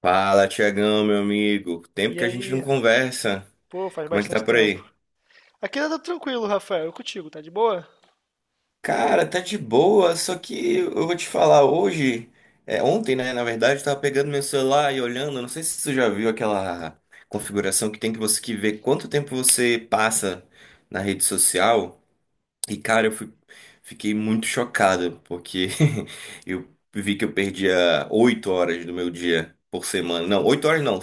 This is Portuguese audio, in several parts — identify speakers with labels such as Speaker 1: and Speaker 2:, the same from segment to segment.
Speaker 1: Fala, Tiagão, meu amigo. Tempo
Speaker 2: E
Speaker 1: que a gente não
Speaker 2: aí?
Speaker 1: conversa.
Speaker 2: Pô, faz
Speaker 1: Como é que tá
Speaker 2: bastante
Speaker 1: por
Speaker 2: tempo.
Speaker 1: aí?
Speaker 2: Aqui tá tudo tranquilo, Rafael. Eu contigo, tá de boa?
Speaker 1: Cara, tá de boa, só que eu vou te falar hoje, ontem, né, na verdade, eu tava pegando meu celular e olhando, não sei se você já viu aquela configuração que tem que você que ver quanto tempo você passa na rede social. E, cara, fiquei muito chocado, porque eu vi que eu perdia oito horas do meu dia por semana. Não, oito horas não,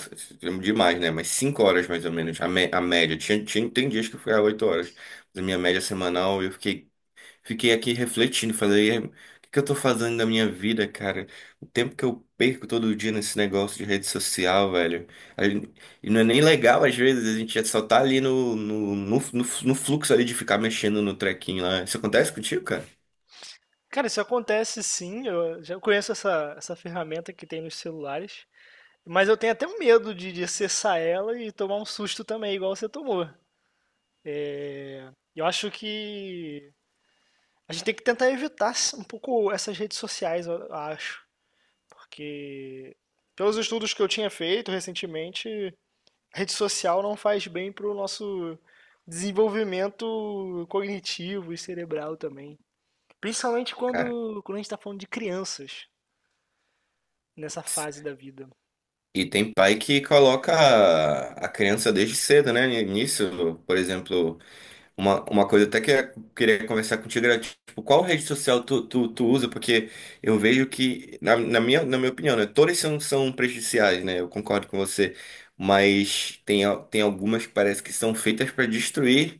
Speaker 1: demais, né? Mas cinco horas mais ou menos, a média. Tem dias que eu ficava oito horas. Mas a minha média semanal, fiquei aqui refletindo, falei, "É, o que que eu tô fazendo da minha vida, cara? O tempo que eu perco todo dia nesse negócio de rede social, velho. A gente- E não é nem legal, às vezes, a gente só tá ali no fluxo ali de ficar mexendo no trequinho lá. Isso acontece contigo, cara?
Speaker 2: Cara, isso acontece sim. Eu já conheço essa ferramenta que tem nos celulares. Mas eu tenho até um medo de acessar ela e tomar um susto também, igual você tomou. E eu acho que a gente tem que tentar evitar um pouco essas redes sociais, eu acho. Porque, pelos estudos que eu tinha feito recentemente, rede social não faz bem pro nosso desenvolvimento cognitivo e cerebral também. Principalmente
Speaker 1: Cara.
Speaker 2: quando a gente tá falando de crianças nessa fase da vida.
Speaker 1: E tem pai que coloca a criança desde cedo, né? Nisso, por exemplo. Uma coisa até que eu queria conversar contigo era, tipo, qual rede social tu usa? Porque eu vejo que, na minha opinião, né, todas são, são prejudiciais, né? Eu concordo com você. Mas tem algumas que parece que são feitas para destruir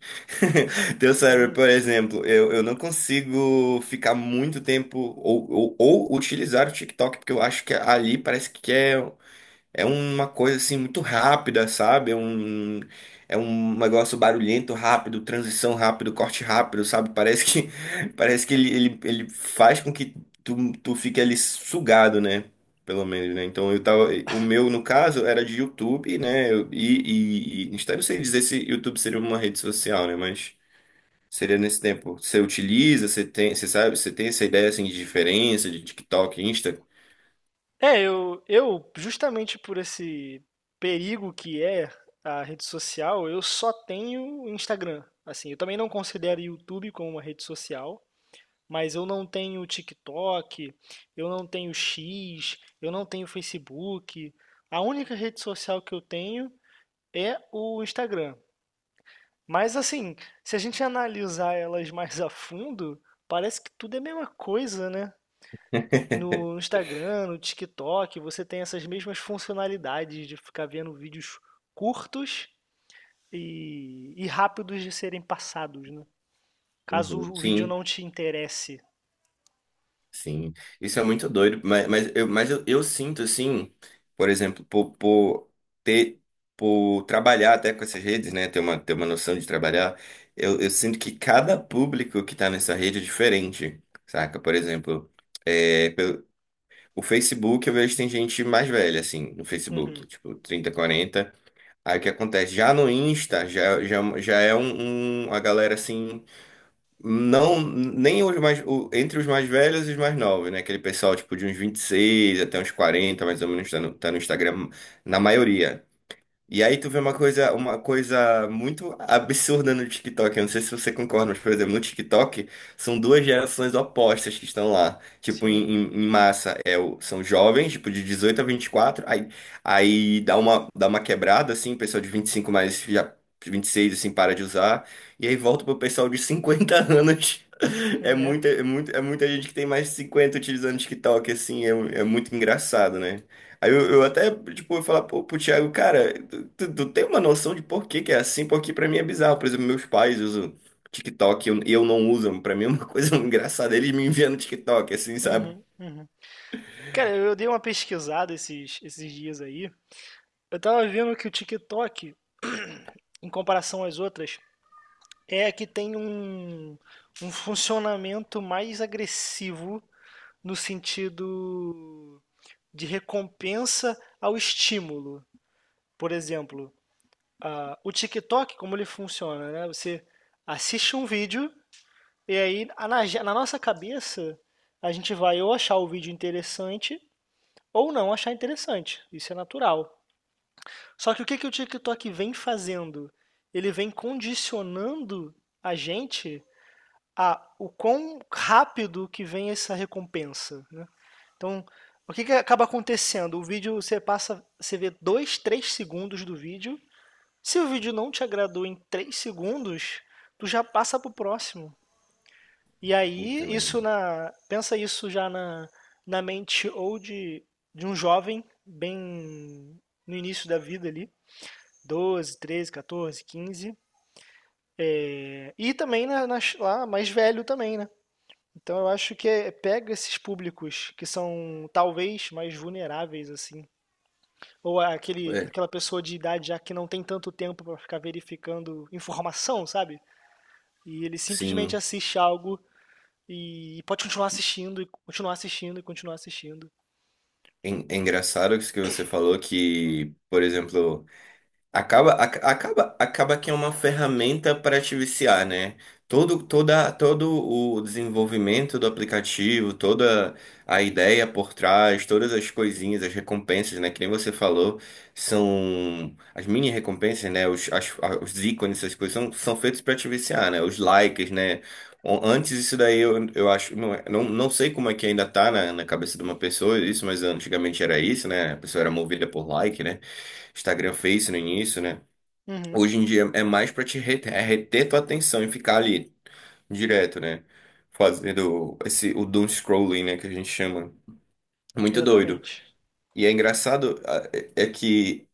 Speaker 1: teu cérebro.
Speaker 2: Uhum.
Speaker 1: Por exemplo, eu não consigo ficar muito tempo ou utilizar o TikTok, porque eu acho que ali parece que é. É uma coisa assim muito rápida, sabe? É um negócio barulhento, rápido, transição rápido, corte rápido, sabe? Parece que, parece que ele faz com que tu fique ali sugado, né? Pelo menos, né? Então eu tava. O meu, no caso, era de YouTube, né? Eu não sei dizer se YouTube seria uma rede social, né? Mas seria nesse tempo. Você utiliza, você tem, você sabe, Você tem essa ideia assim de diferença de TikTok, Insta?
Speaker 2: É, justamente por esse perigo que é a rede social, eu só tenho Instagram. Assim, eu também não considero YouTube como uma rede social, mas eu não tenho TikTok, eu não tenho X, eu não tenho Facebook. A única rede social que eu tenho é o Instagram. Mas assim, se a gente analisar elas mais a fundo, parece que tudo é a mesma coisa, né? No Instagram, no TikTok, você tem essas mesmas funcionalidades de ficar vendo vídeos curtos e rápidos de serem passados, né? Caso
Speaker 1: Uhum.
Speaker 2: o vídeo
Speaker 1: Sim.
Speaker 2: não te interesse.
Speaker 1: Sim, isso é muito doido, mas eu sinto assim, por exemplo, por ter, por trabalhar até com essas redes, né, ter ter uma noção de trabalhar, eu sinto que cada público que tá nessa rede é diferente, saca? Por exemplo, é, pelo- o Facebook eu vejo que tem gente mais velha, assim, no Facebook,
Speaker 2: Uhum,
Speaker 1: tipo 30 40 aí o que acontece? Já no Insta, já é um, uma galera assim não, nem os mais, o- entre os mais velhos e os mais novos, né? Aquele pessoal, tipo, de uns 26 até uns 40 mais ou menos, tá no Instagram, na maioria. E aí tu vê uma coisa muito absurda no TikTok. Eu não sei se você concorda, mas, por exemplo, no TikTok são duas gerações opostas que estão lá, tipo, em,
Speaker 2: sim,
Speaker 1: em- em massa. É, são jovens, tipo, de 18 a 24, aí dá uma quebrada, assim, pessoal de 25 mais já 26, assim, para de usar. E aí volta pro pessoal de 50 anos é
Speaker 2: é.
Speaker 1: muita, é muito, é muita gente que tem mais de 50 utilizando TikTok, assim, é, é muito engraçado, né? Aí eu falar pro Thiago, cara, tu tem uma noção de por que que é assim? Porque pra mim é bizarro. Por exemplo, meus pais usam TikTok e eu não uso. Pra mim é uma coisa engraçada. Eles me enviando TikTok, assim, sabe?
Speaker 2: Uhum, uhum. Cara, eu dei uma pesquisada esses dias aí. Eu tava vendo que o TikTok, em comparação às outras, é que tem um, um funcionamento mais agressivo no sentido de recompensa ao estímulo. Por exemplo, o TikTok, como ele funciona, né? Você assiste um vídeo e aí na nossa cabeça a gente vai ou achar o vídeo interessante ou não achar interessante. Isso é natural. Só que o que que o TikTok vem fazendo? Ele vem condicionando a gente a o quão rápido que vem essa recompensa, né? Então, o que que acaba acontecendo? O vídeo você passa, você vê 2, 3 segundos do vídeo. Se o vídeo não te agradou em 3 segundos, tu já passa pro próximo. E
Speaker 1: Puta
Speaker 2: aí,
Speaker 1: merda.
Speaker 2: isso pensa isso já na mente ou de um jovem bem no início da vida ali, 12, 13, 14, 15 é, e também lá mais velho também, né? Então eu acho que é- pega esses públicos que são talvez mais vulneráveis assim, ou aquele
Speaker 1: É,
Speaker 2: aquela pessoa de idade já que não tem tanto tempo para ficar verificando informação, sabe? E ele simplesmente
Speaker 1: sim.
Speaker 2: assiste algo e pode continuar assistindo e continuar assistindo e continuar assistindo.
Speaker 1: É, é engraçado isso que você falou que, por exemplo. Acaba que é uma ferramenta para te viciar, né? Todo o desenvolvimento do aplicativo, toda a ideia por trás, todas as coisinhas, as recompensas, né? Que nem você falou, são as mini recompensas, né? Os ícones, essas coisas são, são feitos para te viciar, né? Os likes, né? O- Antes isso daí eu acho, não, é- não, não sei como é que ainda tá na, na cabeça de uma pessoa isso, mas antigamente era isso, né? A pessoa era movida por like, né? Instagram, Face no início, né?
Speaker 2: Uhum,
Speaker 1: Hoje em dia é mais pra te reter, é reter tua atenção e ficar ali direto, né? Fazendo o doom scrolling, né? Que a gente chama. Muito doido.
Speaker 2: exatamente.
Speaker 1: E é engraçado que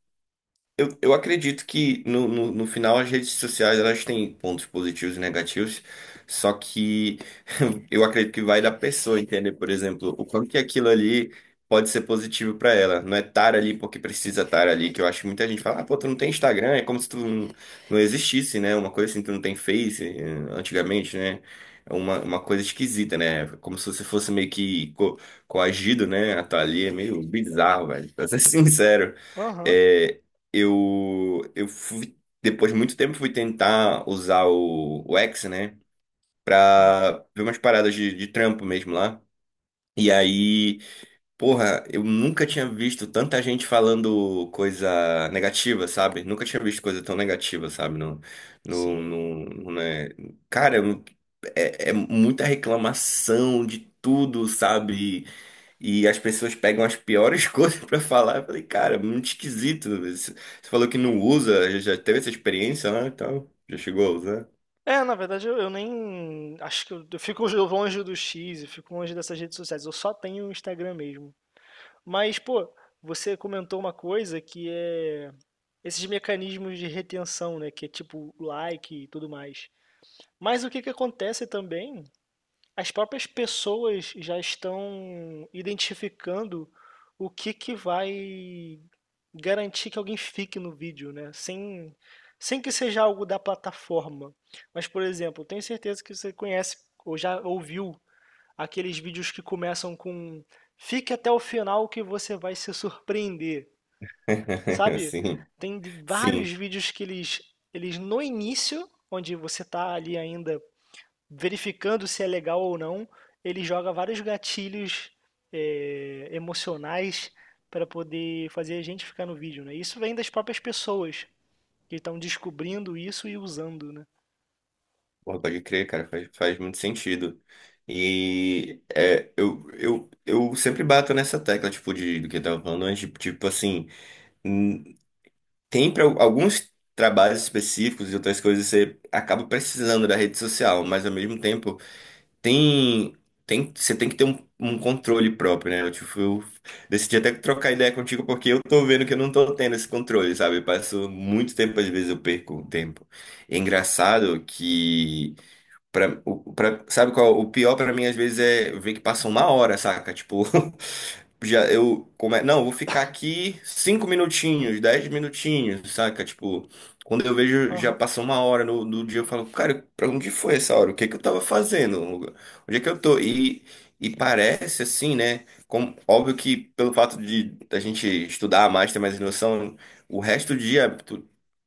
Speaker 1: eu acredito que no final as redes sociais elas têm pontos positivos e negativos, só que eu acredito que vai da pessoa entender, por exemplo, o quanto que aquilo ali pode ser positivo para ela. Não é estar ali porque precisa estar ali, que eu acho que muita gente fala, ah, pô, tu não tem Instagram, é como se tu não, não existisse, né? Uma coisa assim, tu não tem Face, eh, antigamente, né? É uma coisa esquisita, né? Como se você fosse meio que co coagido, né? A estar ali, é meio bizarro, velho, pra ser sincero.
Speaker 2: Aham.
Speaker 1: É, eu fui, depois de muito tempo, fui tentar usar o X, né?
Speaker 2: Uhum,
Speaker 1: Pra ver umas paradas de trampo mesmo lá. E aí, porra, eu nunca tinha visto tanta gente falando coisa negativa, sabe? Nunca tinha visto coisa tão negativa, sabe? No,
Speaker 2: sim.
Speaker 1: né? Cara, é, é muita reclamação de tudo, sabe? E as pessoas pegam as piores coisas pra falar. Eu falei, cara, muito esquisito. Você falou que não usa, já teve essa experiência, né? Então, já chegou a usar?
Speaker 2: É, na verdade eu nem acho que eu fico longe do X, eu fico longe dessas redes sociais. Eu só tenho o Instagram mesmo. Mas, pô, você comentou uma coisa que é esses mecanismos de retenção, né? Que é tipo like e tudo mais. Mas o que que acontece também? As próprias pessoas já estão identificando o que que vai garantir que alguém fique no vídeo, né? Sem que seja algo da plataforma. Mas, por exemplo, tenho certeza que você conhece ou já ouviu aqueles vídeos que começam com fique até o final que você vai se surpreender, sabe?
Speaker 1: Sim,
Speaker 2: Tem de- vários
Speaker 1: sim.
Speaker 2: vídeos que eles no início, onde você está ali ainda verificando se é legal ou não, ele joga vários gatilhos emocionais para poder fazer a gente ficar no vídeo, né? Isso vem das próprias pessoas que estão descobrindo isso e usando, né?
Speaker 1: Porra, pode crer, cara, faz muito sentido. E eu sempre bato nessa tecla, tipo, de, do que eu tava falando antes, tipo, tipo assim, hum, tem para alguns trabalhos específicos e outras coisas você acaba precisando da rede social, mas ao mesmo tempo. tem, você tem que ter um controle próprio, né? Eu, tipo, eu decidi até trocar ideia contigo porque eu tô vendo que eu não tô tendo esse controle, sabe? Eu passo muito tempo, às vezes eu perco o tempo. É engraçado que sabe qual é o pior pra mim, às vezes? É ver que passa uma hora, saca? Tipo, já eu. Como é, não, vou ficar aqui cinco minutinhos, dez minutinhos, saca? Tipo, quando eu vejo, já
Speaker 2: Aham.
Speaker 1: passou uma hora no, do dia, eu falo, cara, pra onde foi essa hora? O que que eu tava fazendo? Onde é que eu tô? E parece assim, né? Como, óbvio que pelo fato de a gente estudar mais, ter mais noção, o resto do dia.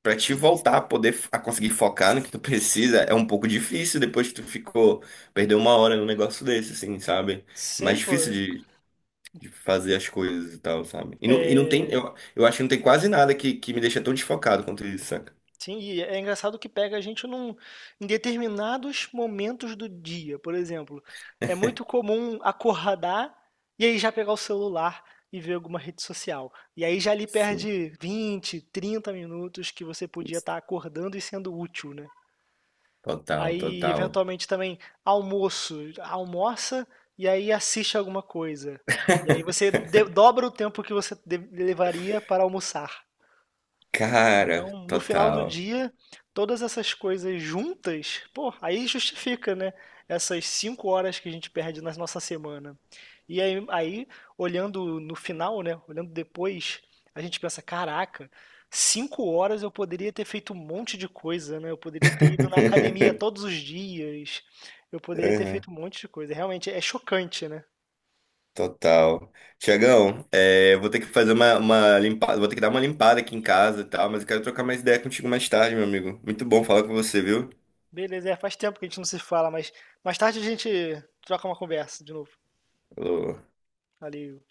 Speaker 1: Pra te voltar a conseguir focar no que tu precisa é um pouco difícil depois que perdeu uma hora num negócio desse, assim, sabe? É mais
Speaker 2: Sei, pô.
Speaker 1: difícil de fazer as coisas e tal, sabe? E não tem,
Speaker 2: É,
Speaker 1: eu acho que não tem quase nada que me deixa tão desfocado quanto isso, saca?
Speaker 2: sim, e é engraçado que pega a gente num, em determinados momentos do dia. Por exemplo, é muito comum acordar e aí já pegar o celular e ver alguma rede social. E aí já ali
Speaker 1: Sim,
Speaker 2: perde 20, 30 minutos que você podia estar acordando e sendo útil, né?
Speaker 1: total,
Speaker 2: Aí,
Speaker 1: total.
Speaker 2: eventualmente, também almoço. Almoça e aí assiste alguma coisa. E aí você de- dobra o tempo que você de- levaria para almoçar.
Speaker 1: Cara,
Speaker 2: Então, no final do
Speaker 1: total.
Speaker 2: dia, todas essas coisas juntas, pô, aí justifica, né? Essas 5 horas que a gente perde na nossa semana. E aí, aí, olhando no final, né? Olhando depois, a gente pensa, caraca, 5 horas eu poderia ter feito um monte de coisa, né? Eu poderia ter ido na academia todos os dias, eu poderia ter
Speaker 1: Uhum,
Speaker 2: feito um monte de coisa. Realmente é chocante, né?
Speaker 1: total. Tiagão, é, vou ter que fazer uma limpada, vou ter que dar uma limpada aqui em casa e tal, mas eu quero trocar mais ideia contigo mais tarde, meu amigo. Muito bom falar com você, viu?
Speaker 2: Beleza, é, faz tempo que a gente não se fala, mas mais tarde a gente troca uma conversa de novo.
Speaker 1: Alô,
Speaker 2: Valeu.